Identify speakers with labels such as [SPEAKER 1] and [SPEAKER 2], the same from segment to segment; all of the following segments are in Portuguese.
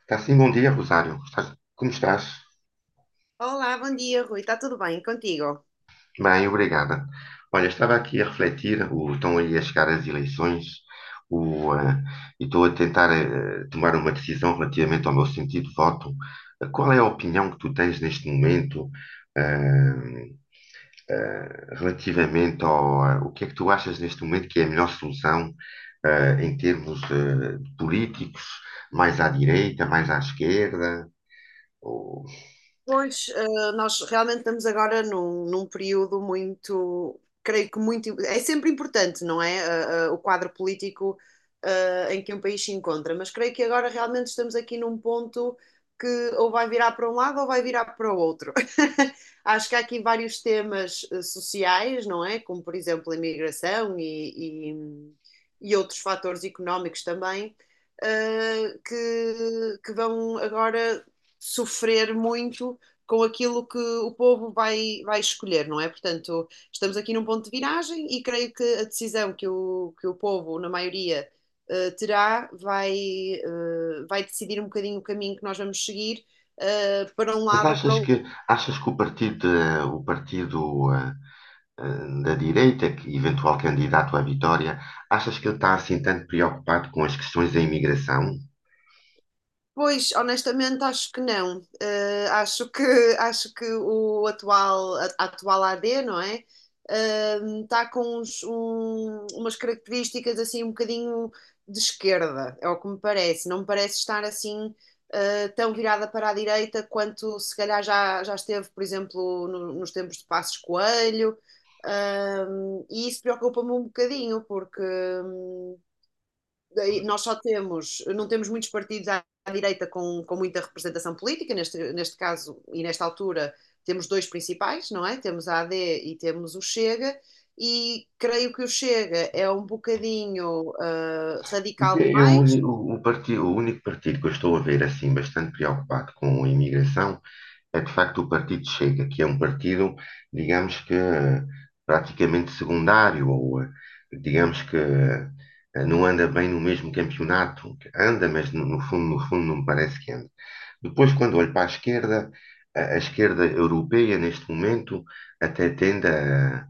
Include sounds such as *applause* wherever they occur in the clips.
[SPEAKER 1] Está sim, bom dia, Rosário. Como estás?
[SPEAKER 2] Olá, bom dia, Rui. Está tudo bem contigo?
[SPEAKER 1] Bem, obrigada. Olha, estava aqui a refletir, estão aí a chegar as eleições, o, eh, e estou a tentar tomar uma decisão relativamente ao meu sentido de voto. Qual é a opinião que tu tens neste momento, eh, relativamente ao o que é que tu achas neste momento que é a melhor solução, em termos, políticos, mais à direita, mais à esquerda? Ou-
[SPEAKER 2] Pois, nós realmente estamos agora num período muito, creio que muito, é sempre importante, não é? O quadro político, em que um país se encontra, mas creio que agora realmente estamos aqui num ponto que ou vai virar para um lado ou vai virar para o outro. *laughs* Acho que há aqui vários temas, sociais, não é? Como, por exemplo, a imigração e outros fatores económicos também, que vão agora sofrer muito com aquilo que o povo vai escolher, não é? Portanto, estamos aqui num ponto de viragem e creio que a decisão que que o povo, na maioria, eh, terá vai, vai decidir um bocadinho o caminho que nós vamos seguir, para um
[SPEAKER 1] Mas
[SPEAKER 2] lado ou para o
[SPEAKER 1] achas que o partido, o partido eh, da direita, que eventual candidato à vitória, achas que ele está assim tanto preocupado com as questões da imigração?
[SPEAKER 2] Pois, honestamente, acho que não. Acho que, *laughs* acho que o atual, a atual AD, não é? Está com umas características assim um bocadinho de esquerda, é o que me parece. Não me parece estar assim tão virada para a direita quanto se calhar já esteve, por exemplo, nos tempos de Passos Coelho. E isso preocupa-me um bocadinho, porque hum, nós só temos, não temos muitos partidos à direita com muita representação política, neste caso e nesta altura temos dois principais, não é? Temos a AD e temos o Chega, e creio que o Chega é um bocadinho
[SPEAKER 1] Porque
[SPEAKER 2] radical
[SPEAKER 1] eu, o,
[SPEAKER 2] demais.
[SPEAKER 1] uni- o, partido, o único partido que eu estou a ver assim bastante preocupado com a imigração é de facto o Partido Chega, que é um partido, digamos que praticamente secundário, ou digamos que não anda bem no mesmo campeonato, que anda, mas no fundo, no fundo não me parece que anda. Depois, quando olho para a esquerda, a esquerda europeia neste momento até tende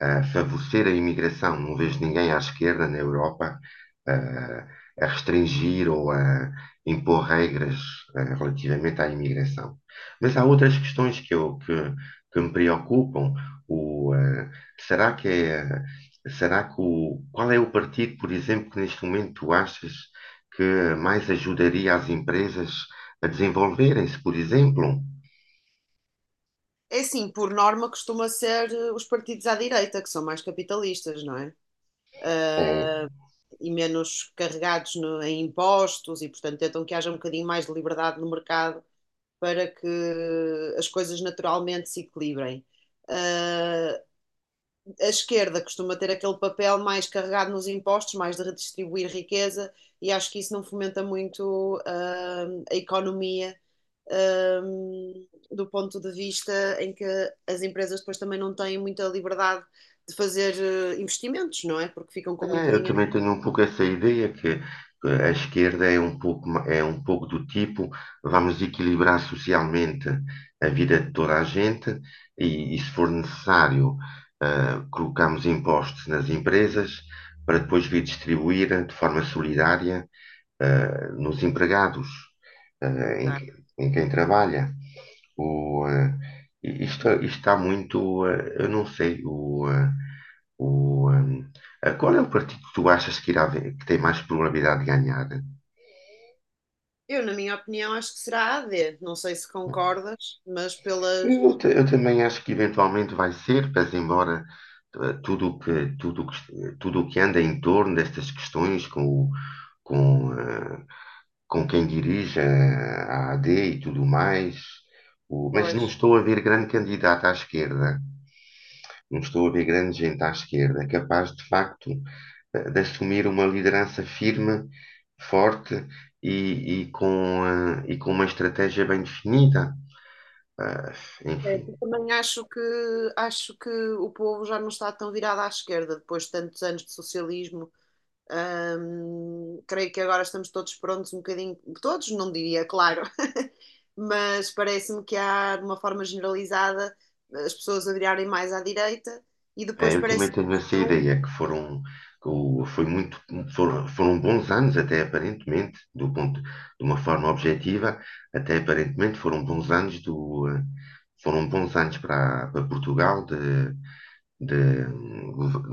[SPEAKER 1] a favorecer a imigração. Não vejo ninguém à esquerda na Europa eh, a restringir ou a impor regras relativamente à imigração. Mas há outras questões que me preocupam. O, eh, será que é, será que qual é o partido, por exemplo, que neste momento tu achas que mais ajudaria as empresas a desenvolverem-se, por exemplo?
[SPEAKER 2] É assim, por norma costuma ser os partidos à direita, que são mais capitalistas, não é?
[SPEAKER 1] Eh,
[SPEAKER 2] Uh, e menos carregados no, em impostos e, portanto, tentam que haja um bocadinho mais de liberdade no mercado para que as coisas naturalmente se equilibrem. Ah, a esquerda costuma ter aquele papel mais carregado nos impostos, mais de redistribuir riqueza, e acho que isso não fomenta muito a economia, ah, do ponto de vista em que as empresas depois também não têm muita liberdade de fazer investimentos, não é? Porque ficam com muito
[SPEAKER 1] É, eu
[SPEAKER 2] dinheiro.
[SPEAKER 1] também tenho um pouco essa ideia que a esquerda é um pouco, é um pouco do tipo, vamos equilibrar socialmente a vida de toda a gente e se for necessário, colocamos impostos nas empresas para depois redistribuir de forma solidária nos empregados, eh, em, em quem trabalha. O, eh, isto está muito, eu não sei, o, qual é o partido que tu achas que tem mais probabilidade de ganhar?
[SPEAKER 2] Eu, na minha opinião, acho que será a AD. Não sei se concordas, mas pelas.
[SPEAKER 1] Eu também acho que eventualmente vai ser, mas embora eh, tudo o que, tudo que, tudo o que anda em torno destas questões com, eh, com quem dirige a AD e tudo mais. O- Mas
[SPEAKER 2] Pois.
[SPEAKER 1] não estou a ver grande candidato à esquerda, não estou a ver grande gente à esquerda capaz de facto de assumir uma liderança firme, forte e e com uma estratégia bem definida. Ah, enfim,
[SPEAKER 2] Certo. Também acho acho que o povo já não está tão virado à esquerda depois de tantos anos de socialismo. Creio que agora estamos todos prontos, um bocadinho, todos, não diria, claro, *laughs* mas parece-me que há, de uma forma generalizada, as pessoas a virarem mais à direita e depois
[SPEAKER 1] É, eu também
[SPEAKER 2] parece que
[SPEAKER 1] tenho essa
[SPEAKER 2] estão.
[SPEAKER 1] ideia que foram, que o- foi muito, foram bons anos até aparentemente, de uma forma objetiva, até aparentemente foram bons anos foram bons anos para, para Portugal de,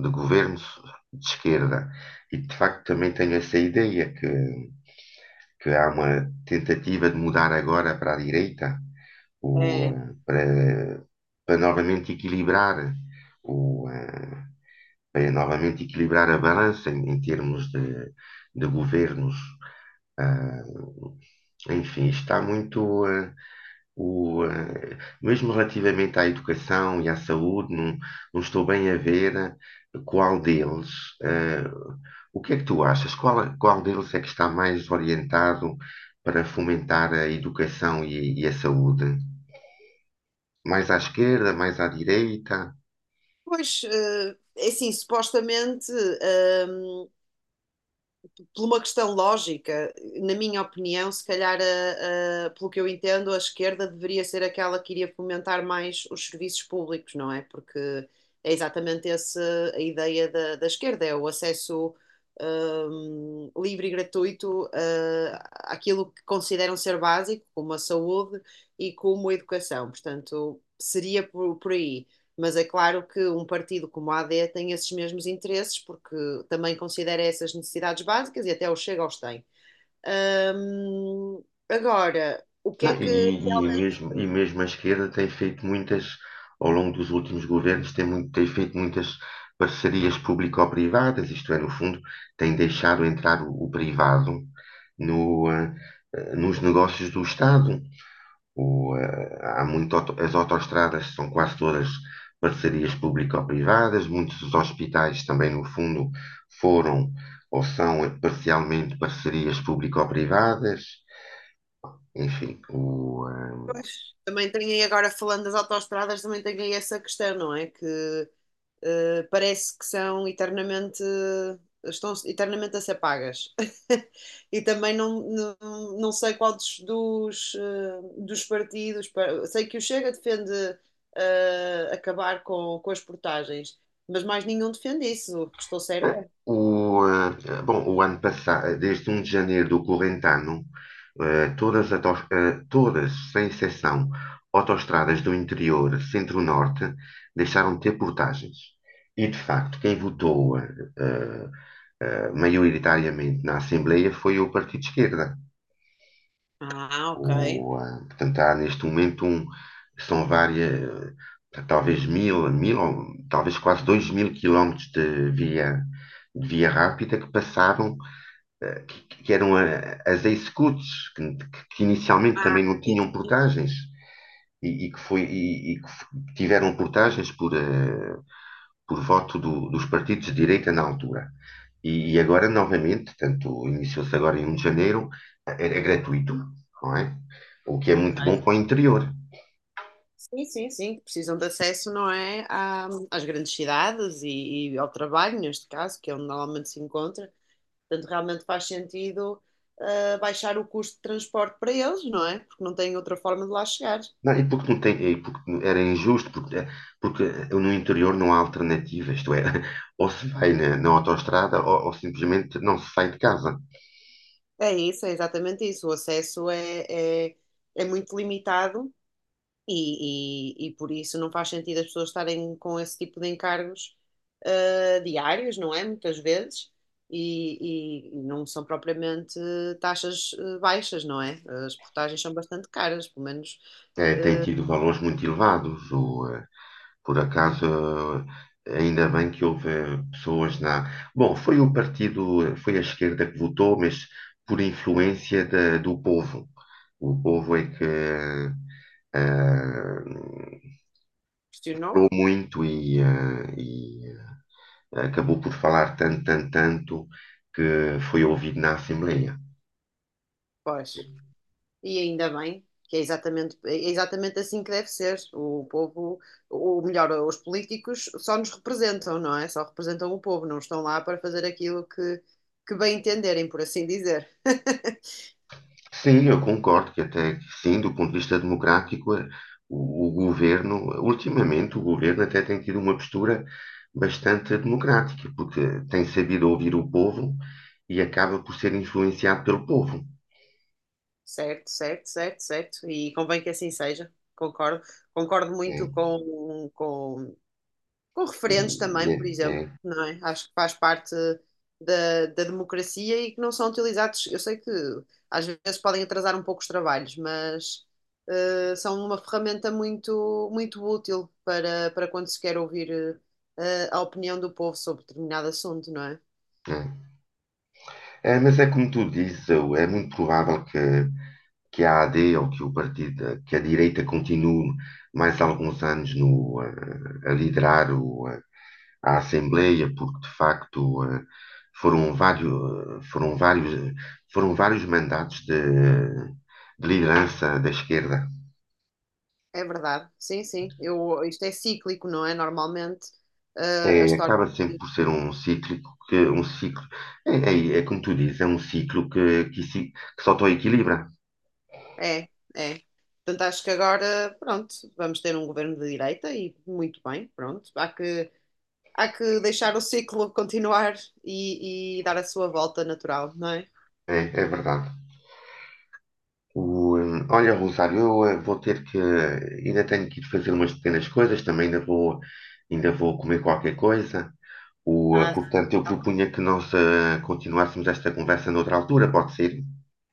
[SPEAKER 1] de governos de esquerda. E de facto também tenho essa ideia que há uma tentativa de mudar agora para a direita, o,
[SPEAKER 2] É,
[SPEAKER 1] eh, para, para novamente equilibrar o, eh, para novamente equilibrar a balança em, em termos de governos. Ah, está muito o, ah, mesmo relativamente à educação e à saúde, não, não estou bem a ver qual deles, ah, o que é que tu achas? Qual, qual deles é que está mais orientado para fomentar a educação e a saúde? Mais à esquerda, mais à direita?
[SPEAKER 2] pois, é assim, supostamente, ehm, por uma questão lógica, na minha opinião, se calhar, pelo que eu entendo, a esquerda deveria ser aquela que iria fomentar mais os serviços públicos, não é? Porque é exatamente essa a ideia da esquerda, é o acesso, livre e gratuito, àquilo que consideram ser básico, como a saúde e como a educação. Portanto, seria por aí. Mas é claro que um partido como a AD tem esses mesmos interesses, porque também considera essas necessidades básicas e até o Chega os tem. Hum, Agora, o que
[SPEAKER 1] Não,
[SPEAKER 2] é que realmente
[SPEAKER 1] e mesmo a esquerda tem feito muitas, ao longo dos últimos governos, tem feito muitas parcerias público-privadas, isto é, no fundo, tem deixado entrar o privado no, ah, ah, nos negócios do Estado. As autoestradas são quase todas parcerias público-privadas, muitos dos hospitais também, no fundo, foram ou são parcialmente parcerias público-privadas. Enfim, o, ah,
[SPEAKER 2] também tem aí, agora falando das autoestradas, também tem aí essa questão, não é? Que parece que são eternamente, estão eternamente a ser pagas. *laughs* E também não sei qual dos partidos, pa- sei que o Chega defende acabar com as portagens, mas mais nenhum defende isso, estou certa?
[SPEAKER 1] Bom, o ano passado, desde 1 de janeiro do corrente ano, todas, as autos- eh, todas, sem exceção, autoestradas do interior, centro-norte, deixaram de ter portagens. E, de facto, quem votou maioritariamente na Assembleia foi o Partido de Esquerda.
[SPEAKER 2] Ah, ok.
[SPEAKER 1] Portanto, há neste momento são várias, talvez mil, mil, ou talvez quase dois mil quilómetros de via rápida que passavam, que eram as ex-scouts, que inicialmente
[SPEAKER 2] Ah,
[SPEAKER 1] também não
[SPEAKER 2] sim,
[SPEAKER 1] tinham
[SPEAKER 2] sim.
[SPEAKER 1] portagens e, e que tiveram portagens por voto dos partidos de direita na altura. E agora, novamente, tanto iniciou-se agora em 1 de janeiro, é gratuito, não é? O que é
[SPEAKER 2] Ok.
[SPEAKER 1] muito bom para o interior.
[SPEAKER 2] Sim, sim, sim, que precisam de acesso, não é, à- às grandes cidades e ao trabalho, neste caso, que é onde normalmente se encontra. Portanto, realmente faz sentido, baixar o custo de transporte para eles, não é? Porque não têm outra forma de lá chegar.
[SPEAKER 1] Não, e porque não tem, e porque era injusto, porque, porque no interior não há alternativa, isto é, *laughs* ou se vai na, na autoestrada ou simplesmente não se sai de casa.
[SPEAKER 2] É isso, é exatamente isso. O acesso é muito limitado. E por isso não faz sentido as pessoas estarem com esse tipo de encargos diários, não é? Muitas vezes. E não são propriamente taxas baixas, não é? As portagens são bastante caras, pelo menos
[SPEAKER 1] Tem
[SPEAKER 2] ah,
[SPEAKER 1] tido valores muito elevados. Por acaso, ainda bem que houve pessoas na. Bom, foi o partido, foi a esquerda que votou, mas por influência do povo. O povo é que ah, falou
[SPEAKER 2] questionou?
[SPEAKER 1] muito acabou por falar tanto, tanto, tanto que foi ouvido na Assembleia.
[SPEAKER 2] Pois. E ainda bem, que é exatamente assim que deve ser. O povo, ou melhor, os políticos só nos representam, não é? Só representam o povo, não estão lá para fazer aquilo que bem entenderem, por assim dizer. *laughs*
[SPEAKER 1] Sim, eu concordo que até que sim, do ponto de vista democrático, o governo, ultimamente o governo até tem tido uma postura bastante democrática, porque tem sabido ouvir o povo e acaba por ser influenciado pelo povo.
[SPEAKER 2] Certo, certo, certo, certo. E convém que assim seja, concordo. Concordo muito
[SPEAKER 1] Né?
[SPEAKER 2] com referendos também,
[SPEAKER 1] e
[SPEAKER 2] por
[SPEAKER 1] é-
[SPEAKER 2] exemplo,
[SPEAKER 1] é-
[SPEAKER 2] não é? Acho que faz parte da democracia e que não são utilizados. Eu sei que às vezes podem atrasar um pouco os trabalhos, mas são uma ferramenta muito útil para quando se quer ouvir a opinião do povo sobre determinado assunto, não é?
[SPEAKER 1] é. Né? É, mas é como tu dizes, é muito provável que a AD ou que o partido, que a direita continue mais alguns anos no, eh, a liderar à Assembleia, porque de facto foram vários, foram vários, foram vários mandatos de liderança da esquerda.
[SPEAKER 2] É verdade, sim, sim. Eu, isto é cíclico, não é? Normalmente, a
[SPEAKER 1] É,
[SPEAKER 2] história.
[SPEAKER 1] acaba sempre por ser um cíclico que um ciclo é como tu dizes, é um ciclo que se autoequilibra.
[SPEAKER 2] É, é. Portanto, acho que agora, pronto, vamos ter um governo de direita e muito bem, pronto. Há que deixar o ciclo *laughs* continuar e dar a sua volta natural, não é?
[SPEAKER 1] É, é verdade. Olha, Rosário, eu eh, vou ter que ainda tenho que ir fazer umas pequenas coisas, também ainda vou comer qualquer coisa.
[SPEAKER 2] Ah,
[SPEAKER 1] Portanto, eu propunha que nós continuássemos esta conversa noutra altura, pode ser?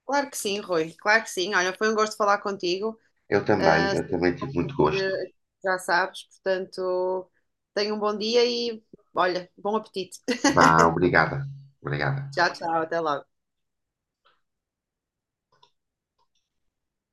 [SPEAKER 2] claro que sim, Rui, claro que sim. Olha, foi um gosto falar contigo. Ah,
[SPEAKER 1] Eu
[SPEAKER 2] se
[SPEAKER 1] também tive
[SPEAKER 2] não
[SPEAKER 1] muito
[SPEAKER 2] ouvir,
[SPEAKER 1] gosto.
[SPEAKER 2] já sabes, portanto, tenha um bom dia e, olha, bom apetite.
[SPEAKER 1] Vá,
[SPEAKER 2] *laughs*
[SPEAKER 1] obrigada. Obrigada.
[SPEAKER 2] Tchau, tchau, até logo.